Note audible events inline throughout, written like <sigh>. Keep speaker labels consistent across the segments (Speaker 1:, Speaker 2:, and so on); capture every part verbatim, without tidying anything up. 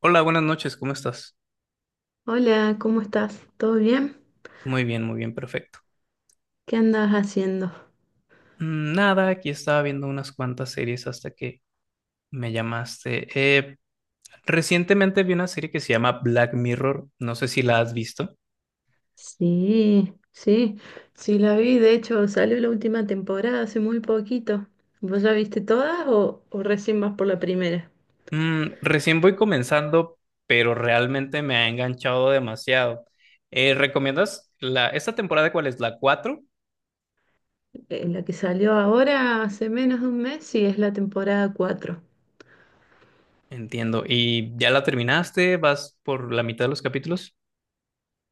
Speaker 1: Hola, buenas noches, ¿cómo estás?
Speaker 2: Hola, ¿cómo estás? ¿Todo bien?
Speaker 1: Muy bien, muy bien, perfecto.
Speaker 2: ¿Qué andas haciendo?
Speaker 1: Mm, Nada, aquí estaba viendo unas cuantas series hasta que me llamaste. Eh, recientemente vi una serie que se llama Black Mirror, no sé si la has visto.
Speaker 2: Sí, sí, sí la vi. De hecho, salió la última temporada hace muy poquito. ¿Vos ya viste todas o, o recién vas por la primera?
Speaker 1: Mm, recién voy comenzando, pero realmente me ha enganchado demasiado. Eh, ¿recomiendas la, esta temporada cuál es? ¿La cuatro?
Speaker 2: Eh, la que salió ahora hace menos de un mes y es la temporada cuatro.
Speaker 1: Entiendo. ¿Y ya la terminaste? ¿Vas por la mitad de los capítulos?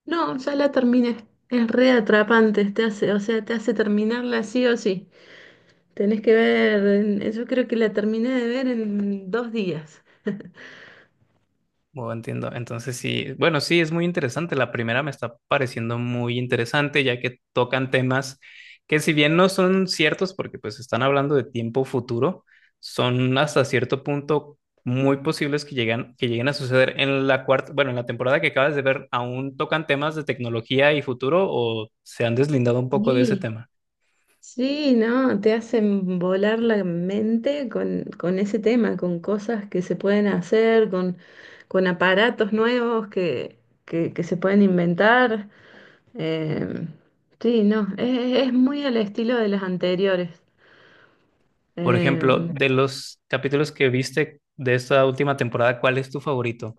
Speaker 2: No, ya la terminé. Es re atrapante, te hace, o sea, te hace terminarla sí o sí. Tenés que ver, en- yo creo que la terminé de ver en dos días.
Speaker 1: Oh, entiendo. Entonces sí, bueno, sí, es muy interesante. La primera me está pareciendo muy interesante, ya que tocan temas que si bien no son ciertos, porque pues están hablando de tiempo futuro, son hasta cierto punto muy posibles que lleguen, que lleguen a suceder. En la cuarta, bueno, en la temporada que acabas de ver, ¿aún tocan temas de tecnología y futuro o se han deslindado un poco de ese
Speaker 2: Sí.
Speaker 1: tema?
Speaker 2: Sí, no, te hacen volar la mente con, con ese tema, con cosas que se pueden hacer, con, con aparatos nuevos que, que, que se pueden inventar. Em, sí, no, es, es muy al estilo de las anteriores.
Speaker 1: Por ejemplo,
Speaker 2: Em,
Speaker 1: de los capítulos que viste de esta última temporada, ¿cuál es tu favorito?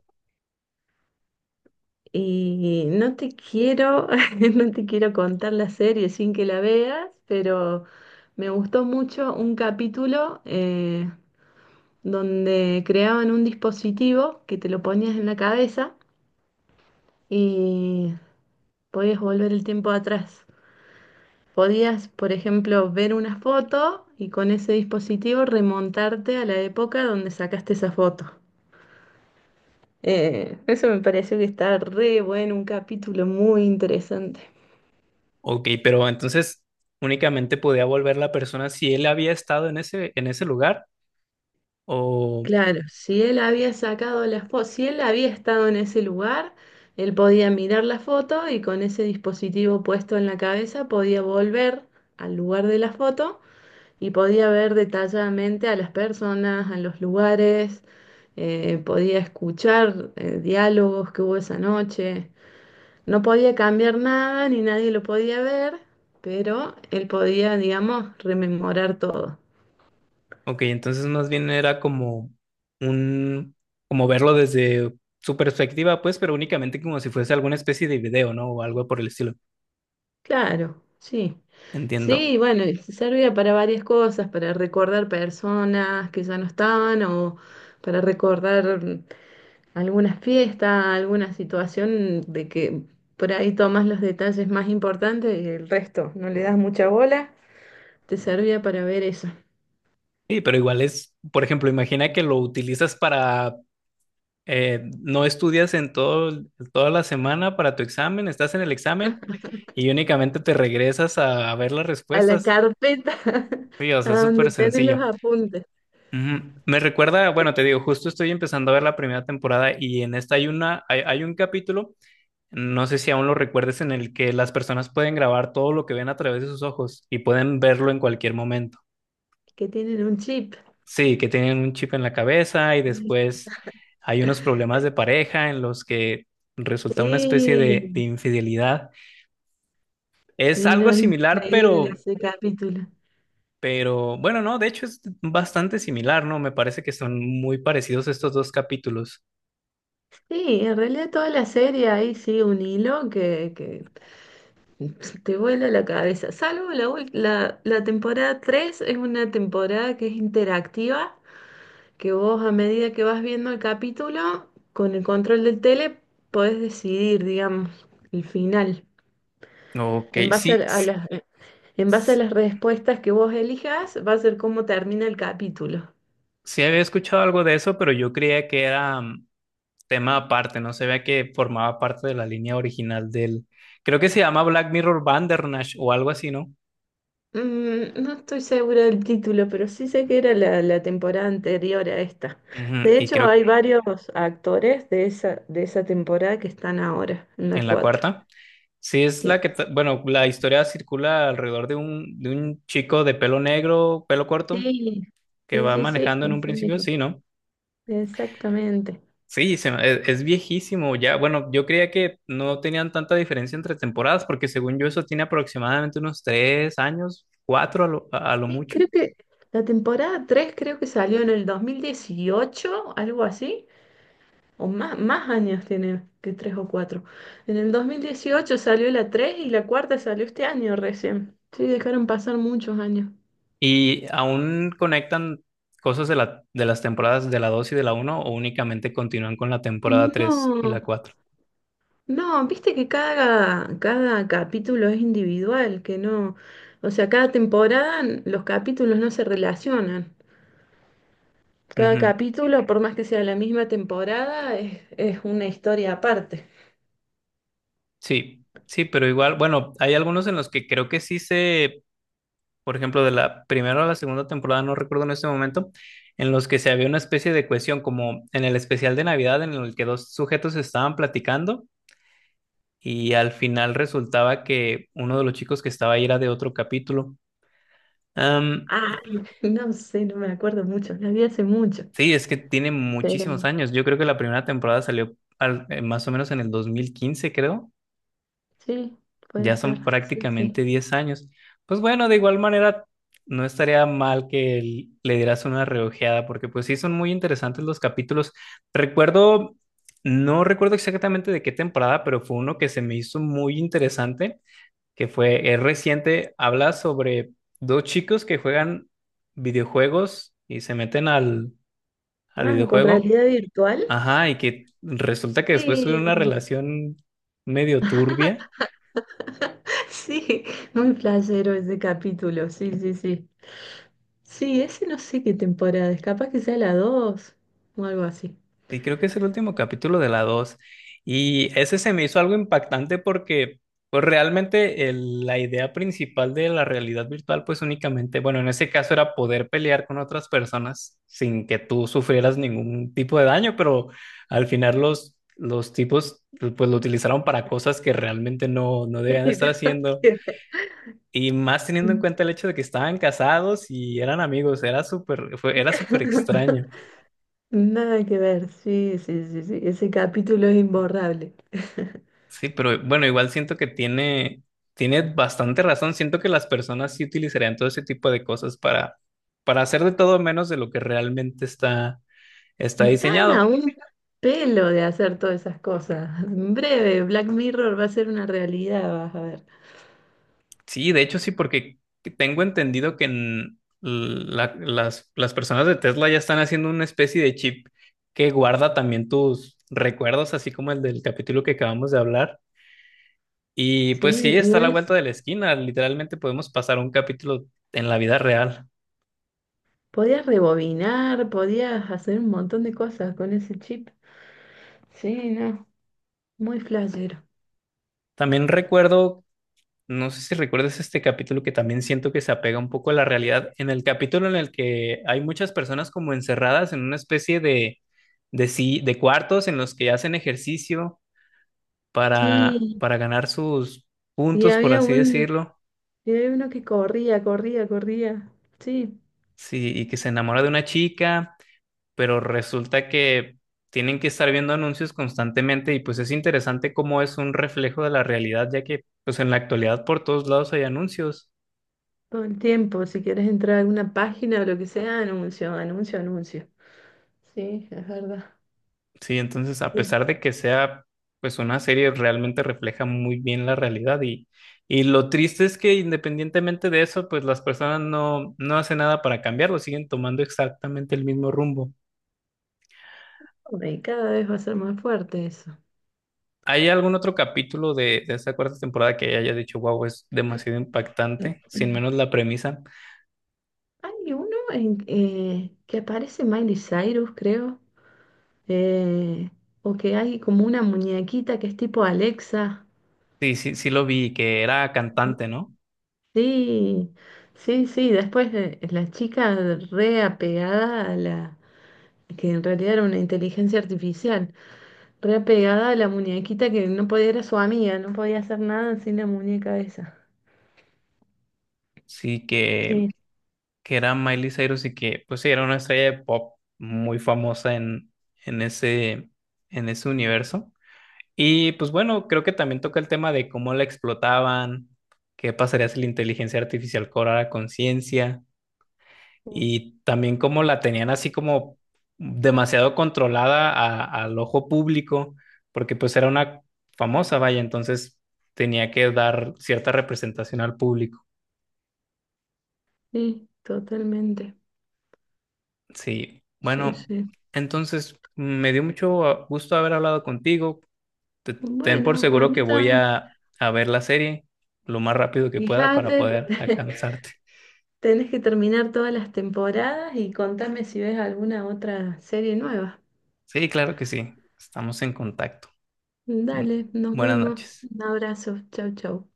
Speaker 2: y no te quiero, <laughs> no te quiero contar la serie sin que la veas, pero me gustó mucho un capítulo, eh, donde creaban un dispositivo que te lo ponías en la cabeza y podías volver el tiempo atrás. Podías, por ejemplo, ver una foto y con ese dispositivo remontarte a la época donde sacaste esa foto. Eh, eso me pareció que está re bueno, un capítulo muy interesante.
Speaker 1: Ok, pero entonces únicamente podía volver la persona si él había estado en ese, en ese lugar o,
Speaker 2: Claro, si él había sacado las fotos, si él había estado en ese lugar, él podía mirar la foto y con ese dispositivo puesto en la cabeza podía volver al lugar de la foto y podía ver detalladamente a las personas, a los lugares, eh, podía escuchar eh, diálogos que hubo esa noche. No podía cambiar nada ni nadie lo podía ver, pero él podía, digamos, rememorar todo.
Speaker 1: ok, entonces más bien era como un, como verlo desde su perspectiva, pues, pero únicamente como si fuese alguna especie de video, ¿no? O algo por el estilo.
Speaker 2: Claro, sí. Sí,
Speaker 1: Entiendo.
Speaker 2: bueno, y servía para varias cosas, para recordar personas que ya no estaban o para recordar mm, algunas fiestas, alguna situación de que por ahí tomas los detalles más importantes y el resto no le das mucha bola. Te servía para ver eso.
Speaker 1: Sí, pero igual es, por ejemplo, imagina que lo utilizas para, eh, no estudias en todo, toda la semana para tu examen, estás en el examen y únicamente te regresas a a ver las
Speaker 2: A la
Speaker 1: respuestas.
Speaker 2: carpeta, <laughs>
Speaker 1: Sí, o
Speaker 2: a
Speaker 1: sea, es
Speaker 2: donde
Speaker 1: súper
Speaker 2: tienen los
Speaker 1: sencillo.
Speaker 2: apuntes,
Speaker 1: Ujú. Me recuerda, bueno, te digo, justo estoy empezando a ver la primera temporada y en esta hay una, hay, hay un capítulo, no sé si aún lo recuerdes, en el que las personas pueden grabar todo lo que ven a través de sus ojos y pueden verlo en cualquier momento.
Speaker 2: que tienen un chip.
Speaker 1: Sí, que tienen un chip en la cabeza y después hay unos problemas de pareja en los que resulta una especie
Speaker 2: Sí,
Speaker 1: de, de infidelidad. Es
Speaker 2: sí, no,
Speaker 1: algo
Speaker 2: es
Speaker 1: similar,
Speaker 2: increíble
Speaker 1: pero
Speaker 2: ese capítulo.
Speaker 1: Pero bueno, no, de hecho es bastante similar, ¿no? Me parece que son muy parecidos estos dos capítulos.
Speaker 2: Sí, en realidad toda la serie ahí sí un hilo que, que <laughs> te vuela la cabeza. Salvo la, ul- la, la temporada tres es una temporada que es interactiva, que vos a medida que vas viendo el capítulo, con el control del tele, podés decidir, digamos, el final.
Speaker 1: Ok,
Speaker 2: En base a,
Speaker 1: sí,
Speaker 2: la- a
Speaker 1: s-
Speaker 2: las, en base a
Speaker 1: s-
Speaker 2: las respuestas que vos elijas, va a ser cómo termina el capítulo.
Speaker 1: sí, había escuchado algo de eso, pero yo creía que era mm, tema aparte, no se veía que formaba parte de la línea original del... Creo que se llama Black Mirror Bandersnatch o algo así, ¿no?
Speaker 2: Mm, no estoy segura del título, pero sí sé que era la, la temporada anterior a esta.
Speaker 1: Ujú.
Speaker 2: De
Speaker 1: Y
Speaker 2: hecho, hay
Speaker 1: creo
Speaker 2: Ok. Varios actores de esa, de esa temporada que están ahora, en la
Speaker 1: en la
Speaker 2: cuatro.
Speaker 1: cuarta. Sí, es
Speaker 2: Sí.
Speaker 1: la que, ta- bueno, la historia circula alrededor de un, de un chico de pelo negro, pelo corto,
Speaker 2: Sí,
Speaker 1: que
Speaker 2: sí,
Speaker 1: va
Speaker 2: sí, sí,
Speaker 1: manejando en
Speaker 2: así
Speaker 1: un principio,
Speaker 2: mismo.
Speaker 1: sí, ¿no?
Speaker 2: Exactamente.
Speaker 1: Sí, se me- es, es viejísimo ya. Bueno, yo creía que no tenían tanta diferencia entre temporadas, porque según yo eso tiene aproximadamente unos tres años, cuatro a lo, a lo
Speaker 2: Sí,
Speaker 1: mucho,
Speaker 2: creo que la temporada tres creo que salió en el dos mil dieciocho, algo así, o más, más años tiene que tres o cuatro. En el dos mil dieciocho salió la tres y la cuarta salió este año recién. Sí, dejaron pasar muchos años.
Speaker 1: y aún conectan cosas de la, de las temporadas de la dos y de la uno o únicamente continúan con la temporada tres y
Speaker 2: No,
Speaker 1: la cuatro.
Speaker 2: no, viste que cada, cada capítulo es individual, que no, o sea, cada temporada n- los capítulos no se relacionan. Cada
Speaker 1: Ujú.
Speaker 2: capítulo, por más que sea la misma temporada, es, es una historia aparte.
Speaker 1: Sí, sí, pero igual, bueno, hay algunos en los que creo que sí se por ejemplo, de la primera o la segunda temporada, no recuerdo en este momento, en los que se había una especie de cohesión, como en el especial de Navidad, en el que dos sujetos estaban platicando y al final resultaba que uno de los chicos que estaba ahí era de otro capítulo. Am,
Speaker 2: Ay, <laughs> no sé, no me acuerdo mucho, la vi hace mucho,
Speaker 1: sí, es que tiene
Speaker 2: pero
Speaker 1: muchísimos años. Yo creo que la primera temporada salió al- eh, más o menos en el dos mil quince, creo.
Speaker 2: sí, puede
Speaker 1: Ya
Speaker 2: ser,
Speaker 1: son
Speaker 2: sí,
Speaker 1: prácticamente
Speaker 2: sí.
Speaker 1: diez años. Pues bueno, de igual manera, no estaría mal que l- le dieras una reojeada, porque pues sí son muy interesantes los capítulos. Recuerdo, no recuerdo exactamente de qué temporada, pero fue uno que se me hizo muy interesante, que fue, es reciente, habla sobre dos chicos que juegan videojuegos y se meten al, al
Speaker 2: Ah, ¿con
Speaker 1: videojuego.
Speaker 2: realidad virtual?
Speaker 1: Ajá, y que resulta que después tuvieron una
Speaker 2: Sí,
Speaker 1: relación medio turbia.
Speaker 2: <laughs> sí, muy placero ese capítulo, sí, sí, sí. Sí, ese no sé qué temporada es, capaz que sea la dos o algo así.
Speaker 1: Sí, creo que es el último capítulo de la dos. Y ese se me hizo algo impactante porque pues, realmente el- la idea principal de la realidad virtual, pues únicamente, bueno, en ese caso era poder pelear con otras personas sin que tú sufrieras ningún tipo de daño, pero al final los, los tipos pues lo utilizaron para cosas que realmente no, no
Speaker 2: Sí,
Speaker 1: debían
Speaker 2: <laughs>
Speaker 1: estar
Speaker 2: nada
Speaker 1: haciendo.
Speaker 2: que ver.
Speaker 1: Y más teniendo en cuenta el hecho de que estaban casados y eran amigos, era súper, fue- era súper extraño.
Speaker 2: Nada que ver, sí, sí, sí, sí, ese capítulo es imborrable.
Speaker 1: Sí, pero bueno, igual siento que tiene, tiene bastante razón. Siento que las personas sí utilizarían todo ese tipo de cosas para, para hacer de todo menos de lo que realmente está, está
Speaker 2: Están a
Speaker 1: diseñado.
Speaker 2: un pelo de hacer todas esas cosas. En breve, Black Mirror va a ser una realidad, vas a ver.
Speaker 1: Sí, de hecho sí, porque tengo entendido que en la- las, las personas de Tesla ya están haciendo una especie de chip que guarda también tus recuerdos, así como el del capítulo que acabamos de hablar. Y
Speaker 2: Sí,
Speaker 1: pues sí,
Speaker 2: y
Speaker 1: está a la
Speaker 2: en es-
Speaker 1: vuelta de la esquina. Literalmente podemos pasar un capítulo en la vida real.
Speaker 2: podías rebobinar, podías hacer un montón de cosas con ese chip. Sí, no, muy flashero.
Speaker 1: También recuerdo. No sé si recuerdas este capítulo que también siento que se apega un poco a la realidad, en el capítulo en el que hay muchas personas como encerradas en una especie de, de, si- de cuartos en los que hacen ejercicio para,
Speaker 2: Sí,
Speaker 1: para ganar sus
Speaker 2: y
Speaker 1: puntos, por
Speaker 2: había
Speaker 1: así
Speaker 2: un,
Speaker 1: decirlo,
Speaker 2: yo había uno que corría, corría, corría. Sí,
Speaker 1: sí, y que se enamora de una chica, pero resulta que tienen que estar viendo anuncios constantemente y pues es interesante cómo es un reflejo de la realidad, ya que pues en la actualidad por todos lados hay anuncios.
Speaker 2: todo el tiempo. Si quieres entrar a alguna página o lo que sea, anuncio, anuncio, anuncio. Sí, es verdad.
Speaker 1: Sí, entonces a
Speaker 2: Sí.
Speaker 1: pesar de que sea pues una serie realmente refleja muy bien la realidad y, y lo triste es que independientemente de eso pues las personas no, no hacen nada para cambiarlo, siguen tomando exactamente el mismo rumbo.
Speaker 2: Y cada vez va a ser más fuerte eso.
Speaker 1: ¿Hay algún otro capítulo de, de esta cuarta temporada que haya dicho, wow, es demasiado impactante? Sin menos la premisa.
Speaker 2: Hay uno en, eh, que aparece Miley Cyrus, creo. eh, o que hay como una muñequita que es tipo Alexa.
Speaker 1: Sí, sí, sí lo vi, que era cantante, ¿no?
Speaker 2: Sí, sí, sí. Después eh, la chica re apegada a la que en realidad era una inteligencia artificial. Re pegada a la muñequita que no podía, era su amiga, no podía hacer nada sin la muñeca esa.
Speaker 1: Sí, que
Speaker 2: Sí,
Speaker 1: que era Miley Cyrus y que, pues sí, era una estrella de pop muy famosa en, en ese, en ese universo. Y pues bueno, creo que también toca el tema de cómo la explotaban, qué pasaría si la inteligencia artificial cobrara conciencia
Speaker 2: sí.
Speaker 1: y también cómo la tenían así como demasiado controlada a- al ojo público, porque pues era una famosa, vaya, entonces tenía que dar cierta representación al público.
Speaker 2: Sí, totalmente.
Speaker 1: Sí,
Speaker 2: Sí,
Speaker 1: bueno,
Speaker 2: sí.
Speaker 1: entonces me dio mucho ah, gusto haber hablado contigo. Te- Ten por
Speaker 2: Bueno, a
Speaker 1: seguro que
Speaker 2: mí
Speaker 1: voy
Speaker 2: también.
Speaker 1: a, a ver la serie lo más rápido que pueda para
Speaker 2: Fíjate,
Speaker 1: poder
Speaker 2: <laughs>
Speaker 1: alcanzarte.
Speaker 2: tenés que terminar todas las temporadas y contame si ves alguna otra serie nueva.
Speaker 1: Sí, claro que sí. Estamos en contacto. Mm,
Speaker 2: Dale, nos
Speaker 1: Buenas
Speaker 2: vemos.
Speaker 1: noches.
Speaker 2: Un abrazo. Chau, chau.